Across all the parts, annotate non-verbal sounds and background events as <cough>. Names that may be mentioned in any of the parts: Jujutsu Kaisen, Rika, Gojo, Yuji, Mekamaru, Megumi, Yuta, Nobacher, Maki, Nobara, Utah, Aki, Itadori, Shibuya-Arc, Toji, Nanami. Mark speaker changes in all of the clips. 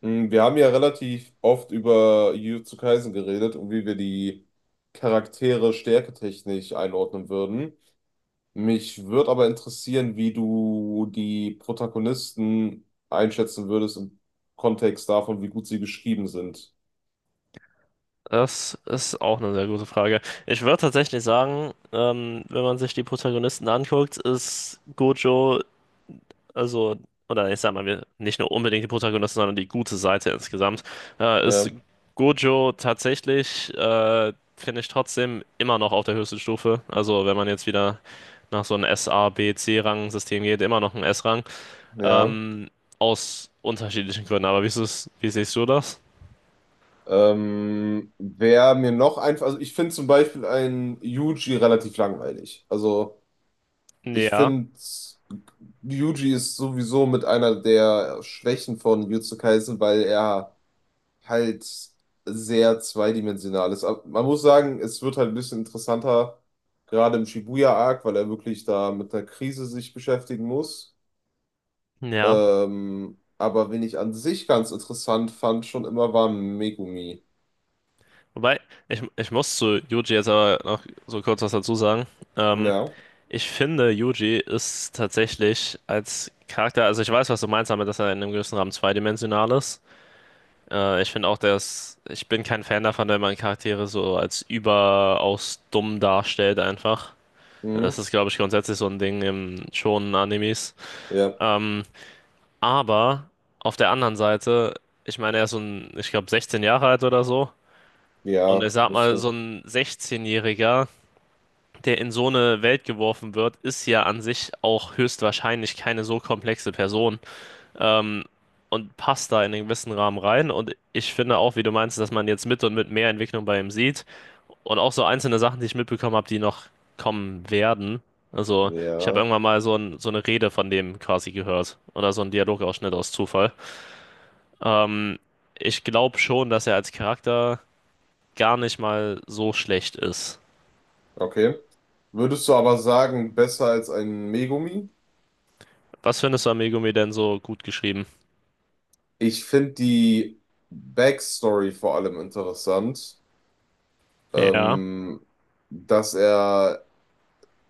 Speaker 1: Wir haben ja relativ oft über Jujutsu Kaisen geredet und wie wir die Charaktere stärketechnisch einordnen würden. Mich würde aber interessieren, wie du die Protagonisten einschätzen würdest im Kontext davon, wie gut sie geschrieben sind.
Speaker 2: Das ist auch eine sehr gute Frage. Ich würde tatsächlich sagen, wenn man sich die Protagonisten anguckt, ist Gojo, also, oder ich sag mal, wir, nicht nur unbedingt die Protagonisten, sondern die gute Seite insgesamt, ist
Speaker 1: Ja,
Speaker 2: Gojo tatsächlich, finde ich trotzdem immer noch auf der höchsten Stufe. Also, wenn man jetzt wieder nach so einem S A B, C-Rang-System geht, immer noch ein S-Rang.
Speaker 1: ja.
Speaker 2: Ähm, aus unterschiedlichen Gründen. Aber wie ist es, wie siehst du das?
Speaker 1: Wer mir noch einfach, also ich finde zum Beispiel einen Yuji relativ langweilig. Also ich
Speaker 2: Ja,
Speaker 1: finde, Yuji ist sowieso mit einer der Schwächen von Jujutsu Kaisen, weil er halt sehr zweidimensional ist. Aber man muss sagen, es wird halt ein bisschen interessanter, gerade im Shibuya-Arc, weil er wirklich da mit einer Krise sich beschäftigen muss.
Speaker 2: ja.
Speaker 1: Aber wen ich an sich ganz interessant fand, schon immer war Megumi.
Speaker 2: Wobei, ich muss zu Yuji jetzt aber noch so kurz was dazu sagen. Ähm,
Speaker 1: Ja.
Speaker 2: ich finde, Yuji ist tatsächlich als Charakter, also ich weiß, was du meinst damit, dass er in einem gewissen Rahmen zweidimensional ist. Ich finde auch, dass ich bin kein Fan davon, wenn man Charaktere so als überaus dumm darstellt einfach. Das
Speaker 1: Mhm.
Speaker 2: ist, glaube ich, grundsätzlich so ein Ding im Shonen-Animes.
Speaker 1: Ja.
Speaker 2: Ähm, aber auf der anderen Seite, ich meine, er ist so ein, ich glaube, 16 Jahre alt oder so. Und
Speaker 1: Ja,
Speaker 2: ich sag mal,
Speaker 1: müsste.
Speaker 2: so ein 16-Jähriger, der in so eine Welt geworfen wird, ist ja an sich auch höchstwahrscheinlich keine so komplexe Person. Ähm, und passt da in einen gewissen Rahmen rein. Und ich finde auch, wie du meinst, dass man jetzt mit und mit mehr Entwicklung bei ihm sieht. Und auch so einzelne Sachen, die ich mitbekommen habe, die noch kommen werden. Also, ich habe
Speaker 1: Ja.
Speaker 2: irgendwann mal so, ein, so eine Rede von dem quasi gehört. Oder so einen Dialogausschnitt aus Zufall. Ähm, ich glaube schon, dass er als Charakter gar nicht mal so schlecht ist.
Speaker 1: Okay. Würdest du aber sagen, besser als ein Megumi?
Speaker 2: Was findest du an Megumi denn so gut geschrieben?
Speaker 1: Ich finde die Backstory vor allem interessant,
Speaker 2: Ja,
Speaker 1: ähm, dass er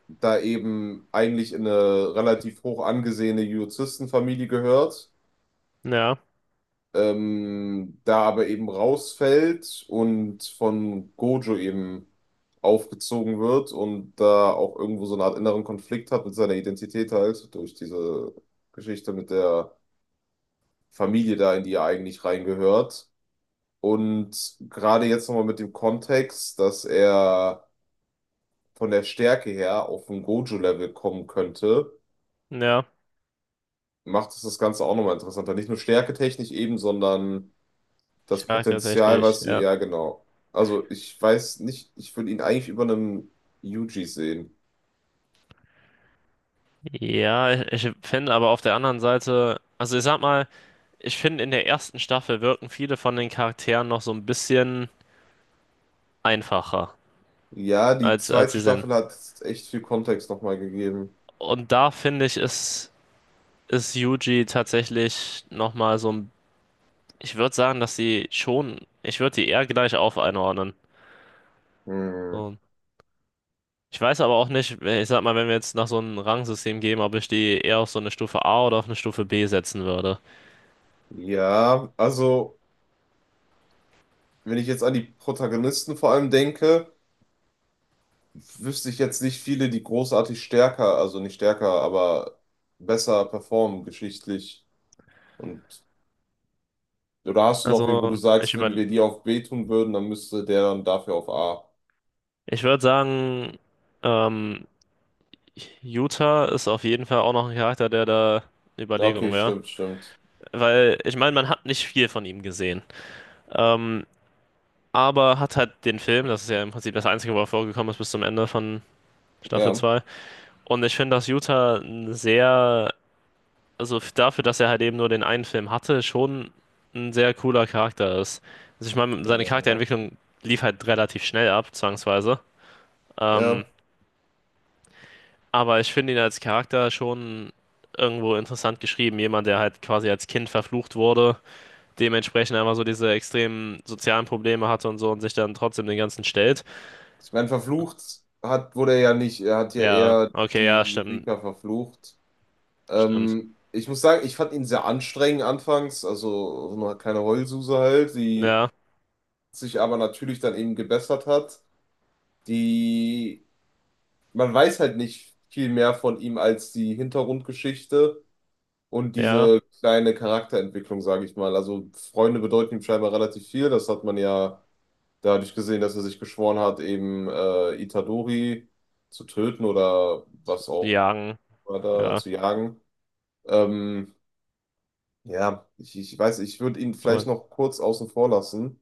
Speaker 1: da eben eigentlich in eine relativ hoch angesehene Juristenfamilie gehört,
Speaker 2: ja,
Speaker 1: da aber eben rausfällt und von Gojo eben aufgezogen wird und da auch irgendwo so eine Art inneren Konflikt hat mit seiner Identität halt durch diese Geschichte mit der Familie da, in die er eigentlich reingehört. Und gerade jetzt nochmal mit dem Kontext, dass er von der Stärke her auf ein Gojo-Level kommen könnte,
Speaker 2: ja.
Speaker 1: macht es das Ganze auch nochmal interessanter. Nicht nur stärketechnisch eben, sondern
Speaker 2: Ich
Speaker 1: das
Speaker 2: frage
Speaker 1: Potenzial,
Speaker 2: tatsächlich,
Speaker 1: was,
Speaker 2: ja.
Speaker 1: ja, genau. Also ich weiß nicht, ich würde ihn eigentlich über einem Yuji sehen.
Speaker 2: Ja, ich finde aber auf der anderen Seite, also ich sag mal, ich finde in der ersten Staffel wirken viele von den Charakteren noch so ein bisschen einfacher,
Speaker 1: Ja, die
Speaker 2: als
Speaker 1: zweite
Speaker 2: sie sind.
Speaker 1: Staffel hat echt viel Kontext nochmal gegeben.
Speaker 2: Und da finde ich, ist Yuji tatsächlich nochmal so ein, ich würde sagen, dass sie schon, ich würde die eher gleich auf einordnen.
Speaker 1: Hm.
Speaker 2: So. Ich weiß aber auch nicht, ich sag mal, wenn wir jetzt nach so einem Rangsystem gehen, ob ich die eher auf so eine Stufe A oder auf eine Stufe B setzen würde.
Speaker 1: Ja, also wenn ich jetzt an die Protagonisten vor allem denke, wüsste ich jetzt nicht viele, die großartig stärker, also nicht stärker, aber besser performen geschichtlich. Und oder hast du noch wie, wo du
Speaker 2: Also,
Speaker 1: sagst, wenn wir die auf B tun würden, dann müsste der dann dafür auf A.
Speaker 2: ich würde sagen, ähm, Utah ist auf jeden Fall auch noch ein Charakter, der da eine
Speaker 1: Ja,
Speaker 2: Überlegung
Speaker 1: okay,
Speaker 2: wäre.
Speaker 1: stimmt, stimmt.
Speaker 2: Weil, ich meine, man hat nicht viel von ihm gesehen. Ähm, aber hat halt den Film, das ist ja im Prinzip das Einzige, wo er vorgekommen ist bis zum Ende von Staffel
Speaker 1: Ja,
Speaker 2: zwei. Und ich finde, dass Utah ein sehr, also dafür, dass er halt eben nur den einen Film hatte, schon ein sehr cooler Charakter ist. Also ich meine, seine
Speaker 1: ja,
Speaker 2: Charakterentwicklung lief halt relativ schnell ab, zwangsweise. Ähm,
Speaker 1: ja.
Speaker 2: Aber ich finde ihn als Charakter schon irgendwo interessant geschrieben. Jemand, der halt quasi als Kind verflucht wurde, dementsprechend einfach so diese extremen sozialen Probleme hatte und so und sich dann trotzdem den ganzen stellt.
Speaker 1: Ich meine, verflucht hat, wurde er ja nicht. Er hat ja
Speaker 2: Ja,
Speaker 1: eher
Speaker 2: okay, ja,
Speaker 1: die
Speaker 2: stimmt,
Speaker 1: Rika verflucht.
Speaker 2: stimmt.
Speaker 1: Ich muss sagen, ich fand ihn sehr anstrengend anfangs, also so eine kleine Heulsuse halt, die
Speaker 2: Ja,
Speaker 1: sich aber natürlich dann eben gebessert hat. Die, man weiß halt nicht viel mehr von ihm als die Hintergrundgeschichte und
Speaker 2: ja,
Speaker 1: diese kleine Charakterentwicklung, sage ich mal. Also Freunde bedeuten ihm scheinbar relativ viel. Das hat man ja dadurch gesehen, dass er sich geschworen hat, eben Itadori zu töten oder was
Speaker 2: sie
Speaker 1: auch
Speaker 2: jagen,
Speaker 1: war da
Speaker 2: ja,
Speaker 1: zu jagen. Ähm, ja, ich weiß, ich würde ihn vielleicht
Speaker 2: aber,
Speaker 1: noch kurz außen vor lassen.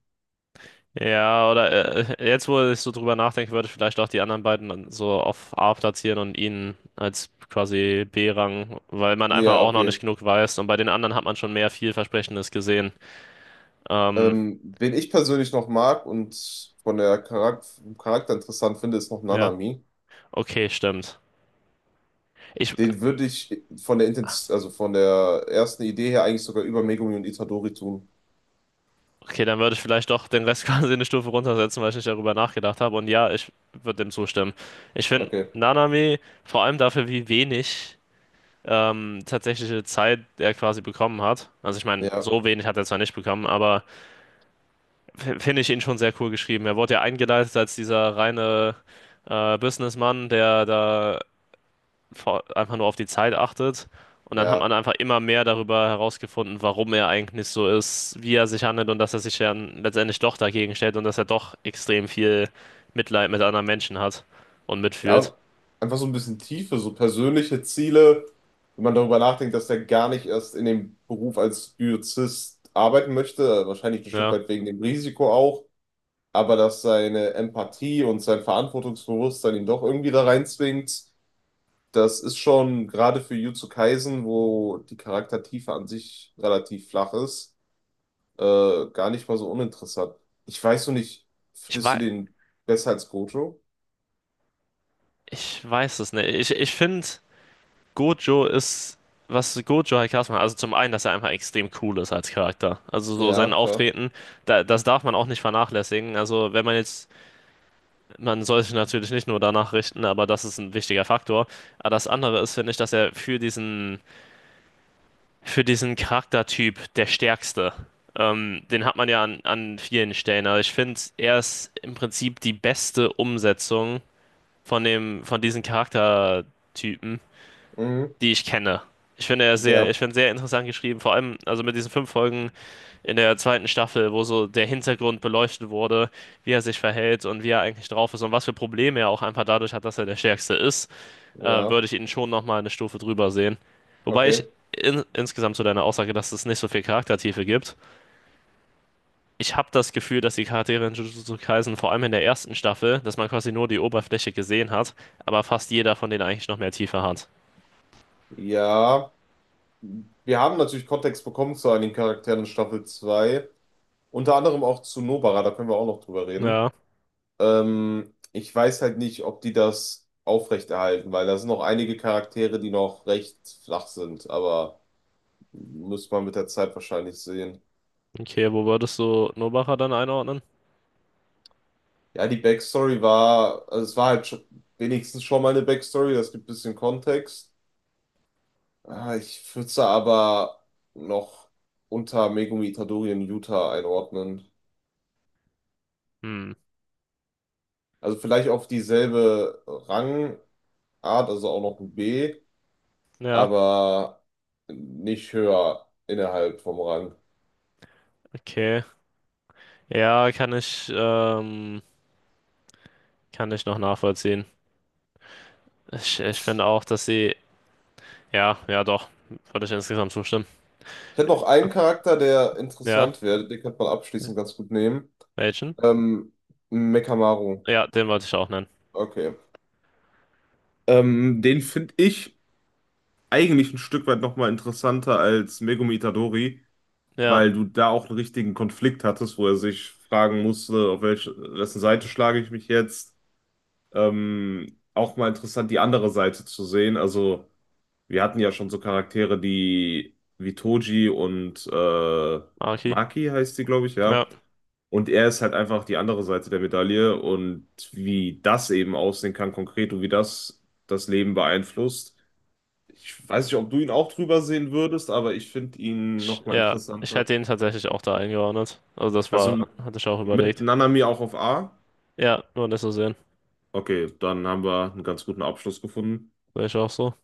Speaker 2: ja, oder jetzt, wo ich so drüber nachdenke, würde ich vielleicht auch die anderen beiden dann so auf A platzieren und ihn als quasi B-Rang, weil man einfach
Speaker 1: Ja,
Speaker 2: auch noch nicht
Speaker 1: okay.
Speaker 2: genug weiß und bei den anderen hat man schon mehr vielversprechendes gesehen. Ähm,
Speaker 1: Wen ich persönlich noch mag und von der Charak vom Charakter interessant finde, ist noch
Speaker 2: Ja,
Speaker 1: Nanami.
Speaker 2: okay, stimmt. Ich,
Speaker 1: Den würde ich von der Intens also von der ersten Idee her eigentlich sogar über Megumi und Itadori tun.
Speaker 2: okay, dann würde ich vielleicht doch den Rest <laughs> quasi eine Stufe runtersetzen, weil ich nicht darüber nachgedacht habe. Und ja, ich würde dem zustimmen. Ich finde
Speaker 1: Okay.
Speaker 2: Nanami vor allem dafür, wie wenig tatsächliche Zeit er quasi bekommen hat. Also ich meine,
Speaker 1: Ja,
Speaker 2: so wenig hat er zwar nicht bekommen, aber finde ich ihn schon sehr cool geschrieben. Er wurde ja eingeleitet als dieser reine Businessman, der da einfach nur auf die Zeit achtet. Und dann hat
Speaker 1: ja,
Speaker 2: man einfach immer mehr darüber herausgefunden, warum er eigentlich so ist, wie er sich handelt und dass er sich dann letztendlich doch dagegen stellt und dass er doch extrem viel Mitleid mit anderen Menschen hat und
Speaker 1: ja.
Speaker 2: mitfühlt.
Speaker 1: Und einfach so ein bisschen Tiefe, so persönliche Ziele, wenn man darüber nachdenkt, dass er gar nicht erst in dem Beruf als Biozist arbeiten möchte, wahrscheinlich ein Stück
Speaker 2: Ja,
Speaker 1: weit wegen dem Risiko auch, aber dass seine Empathie und sein Verantwortungsbewusstsein ihn doch irgendwie da reinzwingt. Das ist schon gerade für Jujutsu Kaisen, wo die Charaktertiefe an sich relativ flach ist, gar nicht mal so uninteressant. Ich weiß nur nicht,
Speaker 2: ich
Speaker 1: findest du
Speaker 2: weiß,
Speaker 1: den besser als Gojo?
Speaker 2: ich weiß es nicht. Ich finde, Gojo ist, was Gojo halt krass macht, also zum einen, dass er einfach extrem cool ist als Charakter. Also so
Speaker 1: Ja,
Speaker 2: sein
Speaker 1: klar.
Speaker 2: Auftreten, da, das darf man auch nicht vernachlässigen. Also wenn man jetzt Man sollte natürlich nicht nur danach richten, aber das ist ein wichtiger Faktor. Aber das andere ist, finde ich, dass er für diesen Charaktertyp der Stärkste, den hat man ja an vielen Stellen. Also ich finde, er ist im Prinzip die beste Umsetzung von dem, von diesen Charaktertypen
Speaker 1: Mhm.
Speaker 2: die ich kenne. Ich finde er sehr, ich
Speaker 1: Ja,
Speaker 2: finde sehr interessant geschrieben, vor allem also mit diesen fünf Folgen in der zweiten Staffel, wo so der Hintergrund beleuchtet wurde, wie er sich verhält und wie er eigentlich drauf ist und was für Probleme er auch einfach dadurch hat, dass er der Stärkste ist, würde
Speaker 1: ja,
Speaker 2: ich ihn schon nochmal eine Stufe drüber sehen. Wobei ich
Speaker 1: okay.
Speaker 2: insgesamt zu deiner Aussage, dass es nicht so viel Charaktertiefe gibt. Ich habe das Gefühl, dass die Charaktere in Jujutsu Kaisen vor allem in der ersten Staffel, dass man quasi nur die Oberfläche gesehen hat, aber fast jeder von denen eigentlich noch mehr Tiefe hat.
Speaker 1: Ja, wir haben natürlich Kontext bekommen zu einigen Charakteren in Staffel 2, unter anderem auch zu Nobara, da können wir auch noch drüber reden.
Speaker 2: Ja.
Speaker 1: Ich weiß halt nicht, ob die das aufrechterhalten, weil da sind noch einige Charaktere, die noch recht flach sind, aber muss man mit der Zeit wahrscheinlich sehen.
Speaker 2: Okay, wo würdest du Nobacher dann einordnen?
Speaker 1: Ja, die Backstory war, also es war halt schon, wenigstens schon mal eine Backstory, das gibt ein bisschen Kontext. Ah, ich würde sie aber noch unter Megumi Itadori in Yuta einordnen.
Speaker 2: Hm,
Speaker 1: Also vielleicht auf dieselbe Rangart, also auch noch ein B,
Speaker 2: ja,
Speaker 1: aber nicht höher innerhalb vom Rang.
Speaker 2: okay. Ja, kann ich noch nachvollziehen. Ich finde auch, dass sie, ja, ja doch, würde ich insgesamt zustimmen.
Speaker 1: Ich hätte noch einen Charakter, der
Speaker 2: Ja,
Speaker 1: interessant wäre, den könnte man abschließend ganz gut nehmen.
Speaker 2: welchen?
Speaker 1: Ähm, Mekamaru.
Speaker 2: Ja, den wollte ich auch nennen.
Speaker 1: Okay. Den finde ich eigentlich ein Stück weit nochmal interessanter als Megumi Itadori,
Speaker 2: Ja,
Speaker 1: weil du da auch einen richtigen Konflikt hattest, wo er sich fragen musste, auf welche, wessen Seite schlage ich mich jetzt. Auch mal interessant, die andere Seite zu sehen. Also, wir hatten ja schon so Charaktere, die wie Toji und
Speaker 2: Aki.
Speaker 1: Maki heißt sie, glaube ich,
Speaker 2: Ja,
Speaker 1: ja. Und er ist halt einfach die andere Seite der Medaille und wie das eben aussehen kann konkret und wie das das Leben beeinflusst. Ich weiß nicht, ob du ihn auch drüber sehen würdest, aber ich finde ihn nochmal
Speaker 2: ja, ich
Speaker 1: interessanter.
Speaker 2: hätte ihn tatsächlich auch da eingeordnet. Also das
Speaker 1: Also
Speaker 2: war, hatte ich auch
Speaker 1: mit
Speaker 2: überlegt.
Speaker 1: Nanami auch auf A.
Speaker 2: Ja, nur nicht so sehen.
Speaker 1: Okay, dann haben wir einen ganz guten Abschluss gefunden.
Speaker 2: Sehe ich auch so.